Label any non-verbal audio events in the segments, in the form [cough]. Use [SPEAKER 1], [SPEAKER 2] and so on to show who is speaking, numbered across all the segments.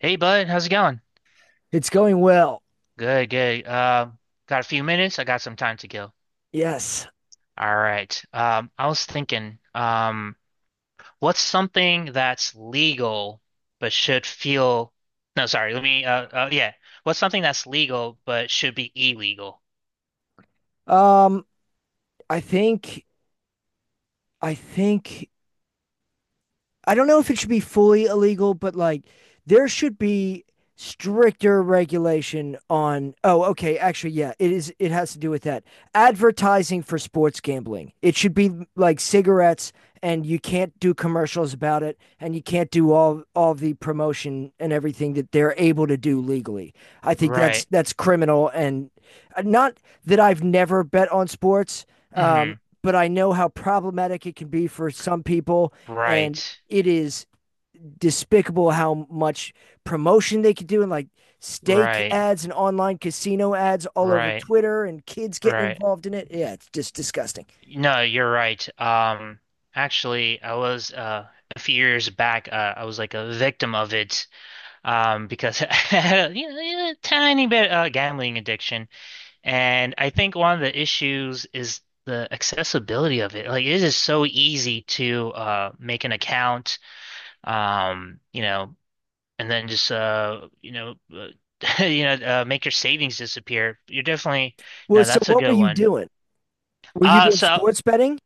[SPEAKER 1] Hey bud, how's it going?
[SPEAKER 2] It's going well.
[SPEAKER 1] Good, good. Got a few minutes. I got some time to kill.
[SPEAKER 2] Yes.
[SPEAKER 1] All right. I was thinking, what's something that's legal but should feel no, sorry, let me yeah. What's something that's legal but should be illegal?
[SPEAKER 2] Um, I think I think I don't know if it should be fully illegal, but like there should be stricter regulation on oh okay actually yeah it is it has to do with that advertising for sports gambling. It should be like cigarettes, and you can't do commercials about it, and you can't do all the promotion and everything that they're able to do legally. i think that's
[SPEAKER 1] Right.
[SPEAKER 2] that's criminal. And not that I've never bet on sports. um
[SPEAKER 1] Hmm.
[SPEAKER 2] but I know how problematic it can be for some people. And
[SPEAKER 1] Right.
[SPEAKER 2] it is despicable how much promotion they could do, and like steak
[SPEAKER 1] Right.
[SPEAKER 2] ads and online casino ads all over
[SPEAKER 1] Right.
[SPEAKER 2] Twitter, and kids getting
[SPEAKER 1] Right.
[SPEAKER 2] involved in it. Yeah, it's just disgusting.
[SPEAKER 1] No, you're right. Actually, I was a few years back, I was like a victim of it. Because [laughs] I had a, you know, a tiny bit gambling addiction, and I think one of the issues is the accessibility of it. Like it is so easy to make an account, you know, and then just you know, [laughs] make your savings disappear. You're definitely
[SPEAKER 2] Well,
[SPEAKER 1] no,
[SPEAKER 2] so
[SPEAKER 1] that's a
[SPEAKER 2] what were
[SPEAKER 1] good
[SPEAKER 2] you
[SPEAKER 1] one.
[SPEAKER 2] doing? Were you doing
[SPEAKER 1] So
[SPEAKER 2] sports betting?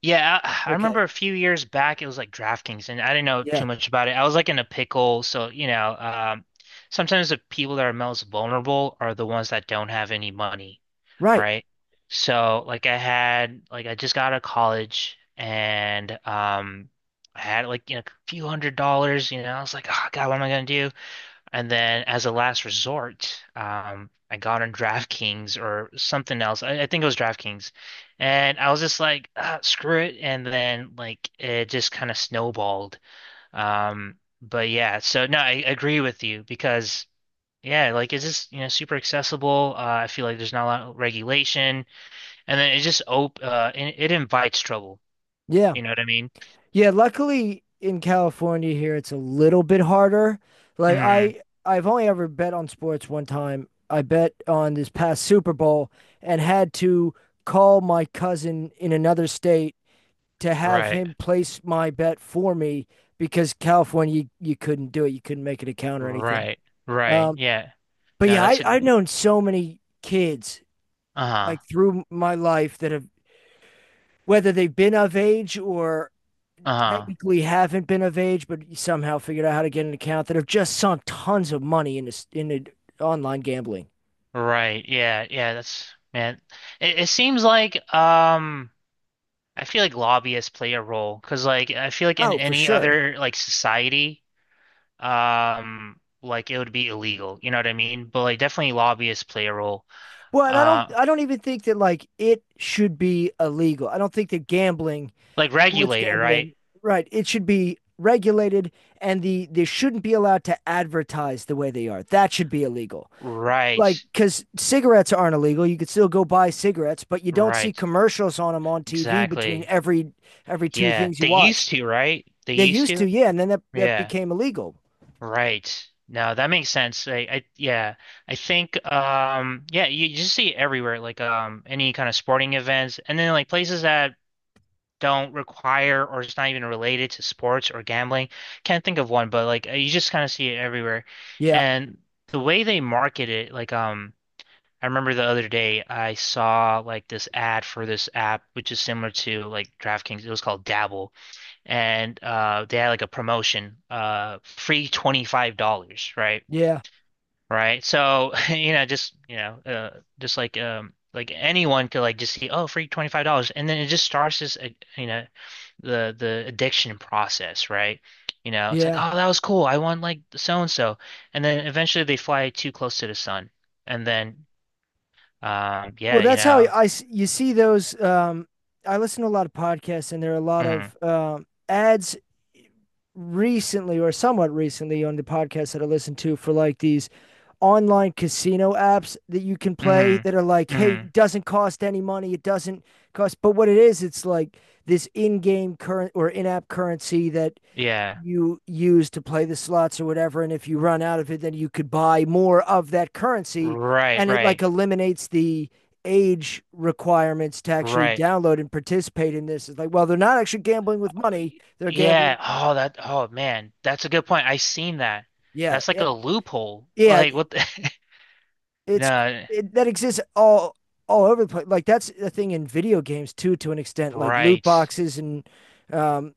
[SPEAKER 1] yeah, I
[SPEAKER 2] Okay.
[SPEAKER 1] remember a few years back it was like DraftKings, and I didn't know
[SPEAKER 2] Yeah.
[SPEAKER 1] too much about it. I was like in a pickle, so you know, sometimes the people that are most vulnerable are the ones that don't have any money,
[SPEAKER 2] Right.
[SPEAKER 1] right? So like I had like I just got out of college and I had like you know a few $100s, you know, I was like, oh God, what am I gonna do? And then as a last resort, I got on DraftKings or something else. I think it was DraftKings. And I was just like, ah, screw it. And then like it just kind of snowballed. But yeah, so no, I agree with you because yeah, like it's just, you know, super accessible. I feel like there's not a lot of regulation. And then it just op it invites trouble.
[SPEAKER 2] Yeah.
[SPEAKER 1] You know what I mean?
[SPEAKER 2] Yeah. Luckily in California here, it's a little bit harder. Like
[SPEAKER 1] Mm,
[SPEAKER 2] I've only ever bet on sports one time. I bet on this past Super Bowl and had to call my cousin in another state to have
[SPEAKER 1] right,
[SPEAKER 2] him place my bet for me, because California, you couldn't do it. You couldn't make it a count or anything.
[SPEAKER 1] right, right.
[SPEAKER 2] Um,
[SPEAKER 1] Yeah.
[SPEAKER 2] but
[SPEAKER 1] No,
[SPEAKER 2] yeah,
[SPEAKER 1] that's a
[SPEAKER 2] I've
[SPEAKER 1] good.
[SPEAKER 2] known so many kids like
[SPEAKER 1] Uh-huh.
[SPEAKER 2] through my life that have, whether they've been of age or
[SPEAKER 1] Uh-huh.
[SPEAKER 2] technically haven't been of age, but somehow figured out how to get an account, that have just sunk tons of money into online gambling.
[SPEAKER 1] Right. Yeah. Yeah. That's man. It seems like I feel like lobbyists play a role because like I feel like in
[SPEAKER 2] Oh, for
[SPEAKER 1] any
[SPEAKER 2] sure.
[SPEAKER 1] other like society, like it would be illegal. You know what I mean? But like definitely lobbyists play a role.
[SPEAKER 2] Well, and I don't
[SPEAKER 1] Uh,
[SPEAKER 2] I don't even think that like it should be illegal. I don't think that gambling
[SPEAKER 1] like
[SPEAKER 2] sports
[SPEAKER 1] regulator, right?
[SPEAKER 2] gambling. Right. It should be regulated, and they shouldn't be allowed to advertise the way they are. That should be illegal.
[SPEAKER 1] Right.
[SPEAKER 2] Like cuz cigarettes aren't illegal. You could still go buy cigarettes, but you don't see
[SPEAKER 1] Right.
[SPEAKER 2] commercials on them on TV between
[SPEAKER 1] Exactly.
[SPEAKER 2] every two
[SPEAKER 1] Yeah.
[SPEAKER 2] things you
[SPEAKER 1] They
[SPEAKER 2] watch.
[SPEAKER 1] used to, right? They
[SPEAKER 2] They
[SPEAKER 1] used
[SPEAKER 2] used
[SPEAKER 1] to.
[SPEAKER 2] to, yeah, and then that
[SPEAKER 1] Yeah.
[SPEAKER 2] became illegal.
[SPEAKER 1] Right. No, that makes sense. I yeah. I think yeah, you just see it everywhere, like any kind of sporting events and then like places that don't require or it's not even related to sports or gambling. Can't think of one, but like you just kind of see it everywhere.
[SPEAKER 2] Yeah.
[SPEAKER 1] And the way they market it, like I remember the other day I saw like this ad for this app, which is similar to like DraftKings. It was called Dabble, and they had like a promotion, free $25, right?
[SPEAKER 2] Yeah.
[SPEAKER 1] Right. So, [laughs] you know, just like anyone could like just see, oh, free $25, and then it just starts this, you know, the addiction process, right? You know, it's like,
[SPEAKER 2] Yeah.
[SPEAKER 1] oh, that was cool. I want like so and so, and then eventually they fly too close to the sun and then
[SPEAKER 2] Well,
[SPEAKER 1] yeah, you
[SPEAKER 2] that's how
[SPEAKER 1] know.
[SPEAKER 2] I you see those. I listen to a lot of podcasts, and there are a lot
[SPEAKER 1] Mm,
[SPEAKER 2] of ads recently or somewhat recently on the podcasts that I listen to, for like these online casino apps that you can play,
[SPEAKER 1] mm,
[SPEAKER 2] that are like, hey,
[SPEAKER 1] mm,
[SPEAKER 2] it doesn't cost any money. It doesn't cost. But what it is, it's like this in-game current or in-app currency that
[SPEAKER 1] yeah.
[SPEAKER 2] you use to play the slots or whatever. And if you run out of it, then you could buy more of that currency.
[SPEAKER 1] Right,
[SPEAKER 2] And it
[SPEAKER 1] right,
[SPEAKER 2] like eliminates the age requirements to actually
[SPEAKER 1] right.
[SPEAKER 2] download and participate in this. It's like, well, they're not actually gambling with money. They're
[SPEAKER 1] Yeah.
[SPEAKER 2] gambling.
[SPEAKER 1] Oh, that. Oh, man, that's a good point. I seen that.
[SPEAKER 2] Yeah.
[SPEAKER 1] That's like a loophole.
[SPEAKER 2] Yeah.
[SPEAKER 1] Like what? [laughs]
[SPEAKER 2] It's
[SPEAKER 1] No.
[SPEAKER 2] it, that exists all over the place. Like that's the thing in video games too, to an extent, like loot
[SPEAKER 1] Right.
[SPEAKER 2] boxes and um,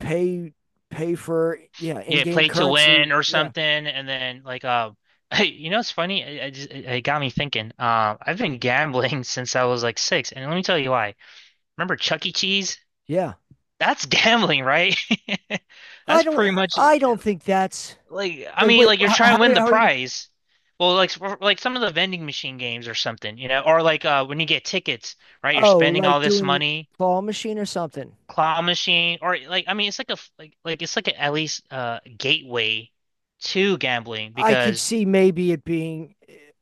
[SPEAKER 2] pay pay for yeah
[SPEAKER 1] Yeah.
[SPEAKER 2] in-game
[SPEAKER 1] Play to
[SPEAKER 2] currency.
[SPEAKER 1] win or
[SPEAKER 2] Yeah.
[SPEAKER 1] something, and then like [laughs] You know, it's funny. I just, it got me thinking. I've been gambling [laughs] since I was like six, and let me tell you why. Remember Chuck E. Cheese?
[SPEAKER 2] Yeah.
[SPEAKER 1] That's gambling, right? [laughs]
[SPEAKER 2] I
[SPEAKER 1] That's
[SPEAKER 2] don't
[SPEAKER 1] pretty much.
[SPEAKER 2] I don't think that's.
[SPEAKER 1] Like, I
[SPEAKER 2] Like,
[SPEAKER 1] mean,
[SPEAKER 2] wait,
[SPEAKER 1] like you're trying to win the
[SPEAKER 2] how are you?
[SPEAKER 1] prize. Well, like some of the vending machine games or something, you know, or like when you get tickets, right? You're
[SPEAKER 2] Oh,
[SPEAKER 1] spending
[SPEAKER 2] like
[SPEAKER 1] all this
[SPEAKER 2] doing
[SPEAKER 1] money,
[SPEAKER 2] claw machine or something.
[SPEAKER 1] claw machine, or like I mean, it's like a like like it's like a, at least gateway to gambling
[SPEAKER 2] I could
[SPEAKER 1] because
[SPEAKER 2] see maybe it being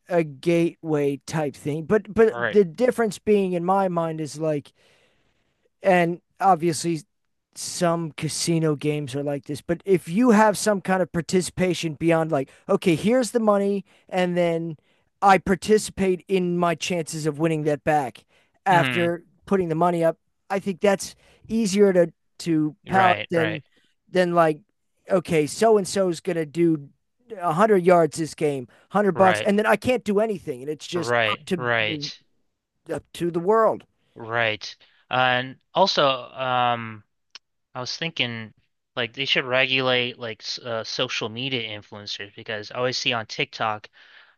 [SPEAKER 2] a gateway type thing, but
[SPEAKER 1] all right,
[SPEAKER 2] the difference being in my mind is like, and obviously some casino games are like this, but if you have some kind of participation beyond like, okay, here's the money, and then I participate in my chances of winning that back
[SPEAKER 1] mm,
[SPEAKER 2] after putting the money up, I think that's easier to palate
[SPEAKER 1] right,
[SPEAKER 2] than
[SPEAKER 1] right,
[SPEAKER 2] like, okay, so and so's gonna do a hundred yards this game, 100 bucks,
[SPEAKER 1] right,
[SPEAKER 2] and then I can't do anything, and it's just up
[SPEAKER 1] right,
[SPEAKER 2] to
[SPEAKER 1] right,
[SPEAKER 2] the world.
[SPEAKER 1] right, and also I was thinking like they should regulate like social media influencers because I always see on TikTok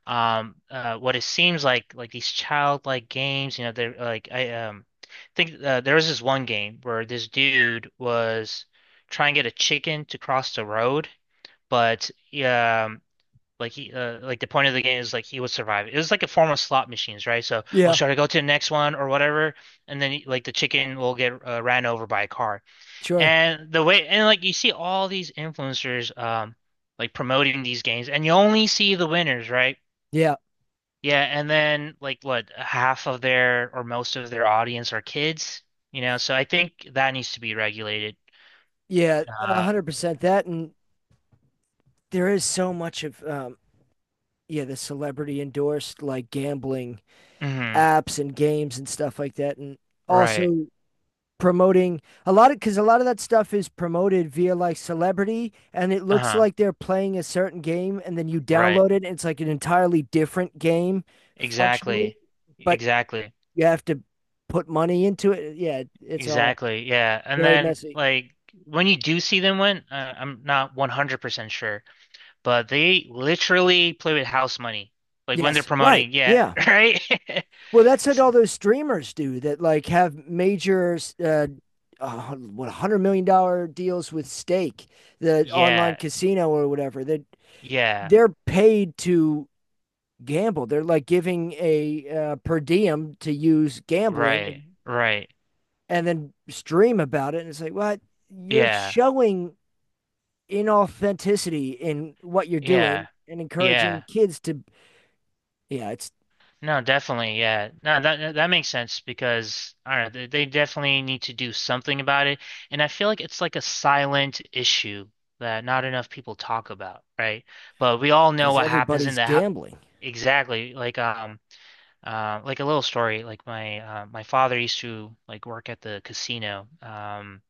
[SPEAKER 1] what it seems like these childlike games you know they're like I think there was this one game where this dude was trying to get a chicken to cross the road but um like he like the point of the game is like he would survive it was like a form of slot machines right so oh
[SPEAKER 2] Yeah,
[SPEAKER 1] should I go to the next one or whatever and then like the chicken will get ran over by a car
[SPEAKER 2] sure.
[SPEAKER 1] and the way and like you see all these influencers like promoting these games and you only see the winners right
[SPEAKER 2] Yeah.
[SPEAKER 1] yeah, and then like what, half of their or most of their audience are kids, you know, so I think that needs to be regulated.
[SPEAKER 2] Yeah, a
[SPEAKER 1] Uh,
[SPEAKER 2] hundred percent that, and there is so much of yeah, the celebrity endorsed like gambling
[SPEAKER 1] hmm
[SPEAKER 2] apps and games and stuff like that, and
[SPEAKER 1] right.
[SPEAKER 2] also promoting a lot of, because a lot of that stuff is promoted via like celebrity, and it looks
[SPEAKER 1] Uh-huh.
[SPEAKER 2] like they're playing a certain game, and then you
[SPEAKER 1] Right.
[SPEAKER 2] download it, and it's like an entirely different game functionally,
[SPEAKER 1] Exactly.
[SPEAKER 2] but
[SPEAKER 1] Exactly.
[SPEAKER 2] you have to put money into it. Yeah, it's all
[SPEAKER 1] Exactly. Yeah. And
[SPEAKER 2] very
[SPEAKER 1] then
[SPEAKER 2] messy.
[SPEAKER 1] like when you do see them win, I'm not 100% sure, but they literally play with house money. Like when they're
[SPEAKER 2] Yes, right.
[SPEAKER 1] promoting, yeah,
[SPEAKER 2] Yeah.
[SPEAKER 1] [laughs] right? [laughs]
[SPEAKER 2] Well, that's what all those streamers do, that like have major uh, what $100 million deals with stake, the online
[SPEAKER 1] Yeah.
[SPEAKER 2] casino or whatever. That
[SPEAKER 1] Yeah.
[SPEAKER 2] they're paid to gamble. They're like giving a per diem to use gambling, and,
[SPEAKER 1] Right. Right.
[SPEAKER 2] and then stream about it. And it's like, what? Well, you're
[SPEAKER 1] Yeah.
[SPEAKER 2] showing inauthenticity in what you're
[SPEAKER 1] Yeah.
[SPEAKER 2] doing and encouraging
[SPEAKER 1] Yeah.
[SPEAKER 2] kids to. Yeah, it's
[SPEAKER 1] No, definitely, yeah. No, that that makes sense because I don't know, they definitely need to do something about it, and I feel like it's like a silent issue that not enough people talk about, right? But we all know
[SPEAKER 2] because
[SPEAKER 1] what happens in
[SPEAKER 2] everybody's
[SPEAKER 1] the hou-
[SPEAKER 2] gambling.
[SPEAKER 1] exactly like a little story like my father used to like work at the casino um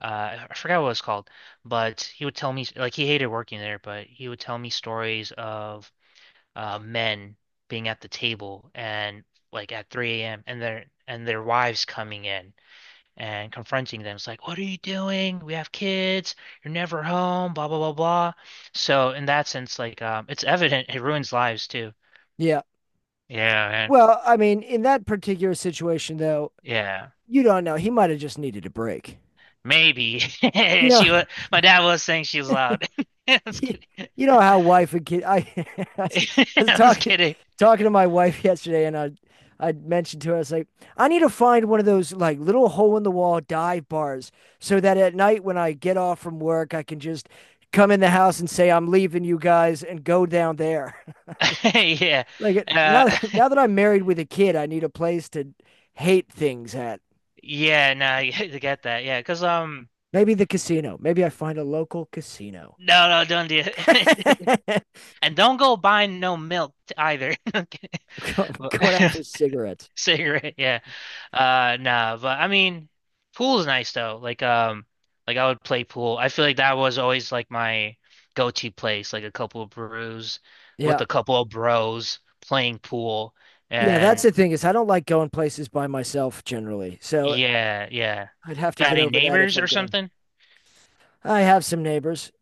[SPEAKER 1] uh I forgot what it was called, but he would tell me like he hated working there, but he would tell me stories of men being at the table and like at 3 a.m. and their wives coming in and confronting them. It's like, what are you doing? We have kids. You're never home. Blah blah blah blah. So in that sense, like, it's evident it ruins lives too.
[SPEAKER 2] Yeah.
[SPEAKER 1] Yeah, man.
[SPEAKER 2] Well, I mean, in that particular situation, though,
[SPEAKER 1] Yeah.
[SPEAKER 2] you don't know. He might have just needed a break.
[SPEAKER 1] Maybe [laughs]
[SPEAKER 2] You know,
[SPEAKER 1] she was. My dad was saying she was loud. [laughs] I'm
[SPEAKER 2] [laughs]
[SPEAKER 1] just
[SPEAKER 2] he,
[SPEAKER 1] kidding.
[SPEAKER 2] you know how wife and kid. I, [laughs] I
[SPEAKER 1] [laughs]
[SPEAKER 2] was
[SPEAKER 1] I'm just
[SPEAKER 2] talking
[SPEAKER 1] kidding.
[SPEAKER 2] talking to my wife [laughs] yesterday, and I mentioned to her, I was like, I need to find one of those like little hole in the wall dive bars, so that at night when I get off from work, I can just come in the house and say I'm leaving you guys and go down there. [laughs]
[SPEAKER 1] [laughs] Yeah.
[SPEAKER 2] Like
[SPEAKER 1] Uh,
[SPEAKER 2] now that I'm married with a kid, I need a place to hate things at.
[SPEAKER 1] [laughs] yeah. No, I [laughs] get that. Yeah, because
[SPEAKER 2] Maybe the casino. Maybe I find a local casino.
[SPEAKER 1] no, no, don't do it.
[SPEAKER 2] [laughs] I'm
[SPEAKER 1] [laughs] And don't go buying no milk either. [laughs]
[SPEAKER 2] going out for cigarettes.
[SPEAKER 1] Cigarette, yeah. Nah, but I mean pool's nice though. Like I would play pool. I feel like that was always like my go-to place, like a couple of brews with
[SPEAKER 2] Yeah.
[SPEAKER 1] a couple of bros playing pool.
[SPEAKER 2] Yeah, that's
[SPEAKER 1] And
[SPEAKER 2] the thing is I don't like going places by myself generally. So
[SPEAKER 1] yeah, yeah.
[SPEAKER 2] I'd have to
[SPEAKER 1] Got
[SPEAKER 2] get
[SPEAKER 1] any
[SPEAKER 2] over that if
[SPEAKER 1] neighbors
[SPEAKER 2] I'm
[SPEAKER 1] or
[SPEAKER 2] gonna.
[SPEAKER 1] something?
[SPEAKER 2] I have some neighbors.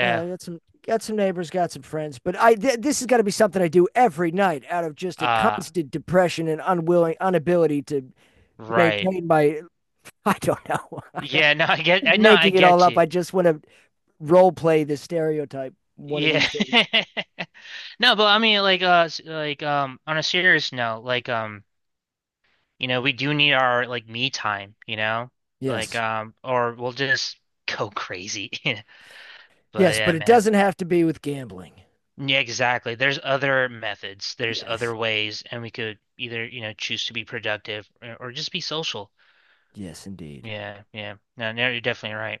[SPEAKER 2] Yeah, I got some neighbors, got some friends, but this has got to be something I do every night out of just a
[SPEAKER 1] Uh
[SPEAKER 2] constant depression and unwilling inability to
[SPEAKER 1] right.
[SPEAKER 2] maintain my. [laughs] I don't know. [laughs] I am
[SPEAKER 1] Yeah,
[SPEAKER 2] just
[SPEAKER 1] no, I
[SPEAKER 2] making it all
[SPEAKER 1] get
[SPEAKER 2] up.
[SPEAKER 1] you.
[SPEAKER 2] I just want to role play the stereotype one of
[SPEAKER 1] Yeah.
[SPEAKER 2] these days.
[SPEAKER 1] [laughs] No, but I mean like like on a serious note, like you know, we do need our like me time, you know? Like
[SPEAKER 2] Yes.
[SPEAKER 1] or we'll just go crazy. [laughs] But
[SPEAKER 2] Yes,
[SPEAKER 1] yeah,
[SPEAKER 2] but it
[SPEAKER 1] man.
[SPEAKER 2] doesn't have to be with gambling.
[SPEAKER 1] Yeah, exactly. There's other methods. There's
[SPEAKER 2] Yes.
[SPEAKER 1] other ways and we could either, you know, choose to be productive or just be social.
[SPEAKER 2] Yes, indeed.
[SPEAKER 1] Yeah, yeah. No, no, you're definitely right.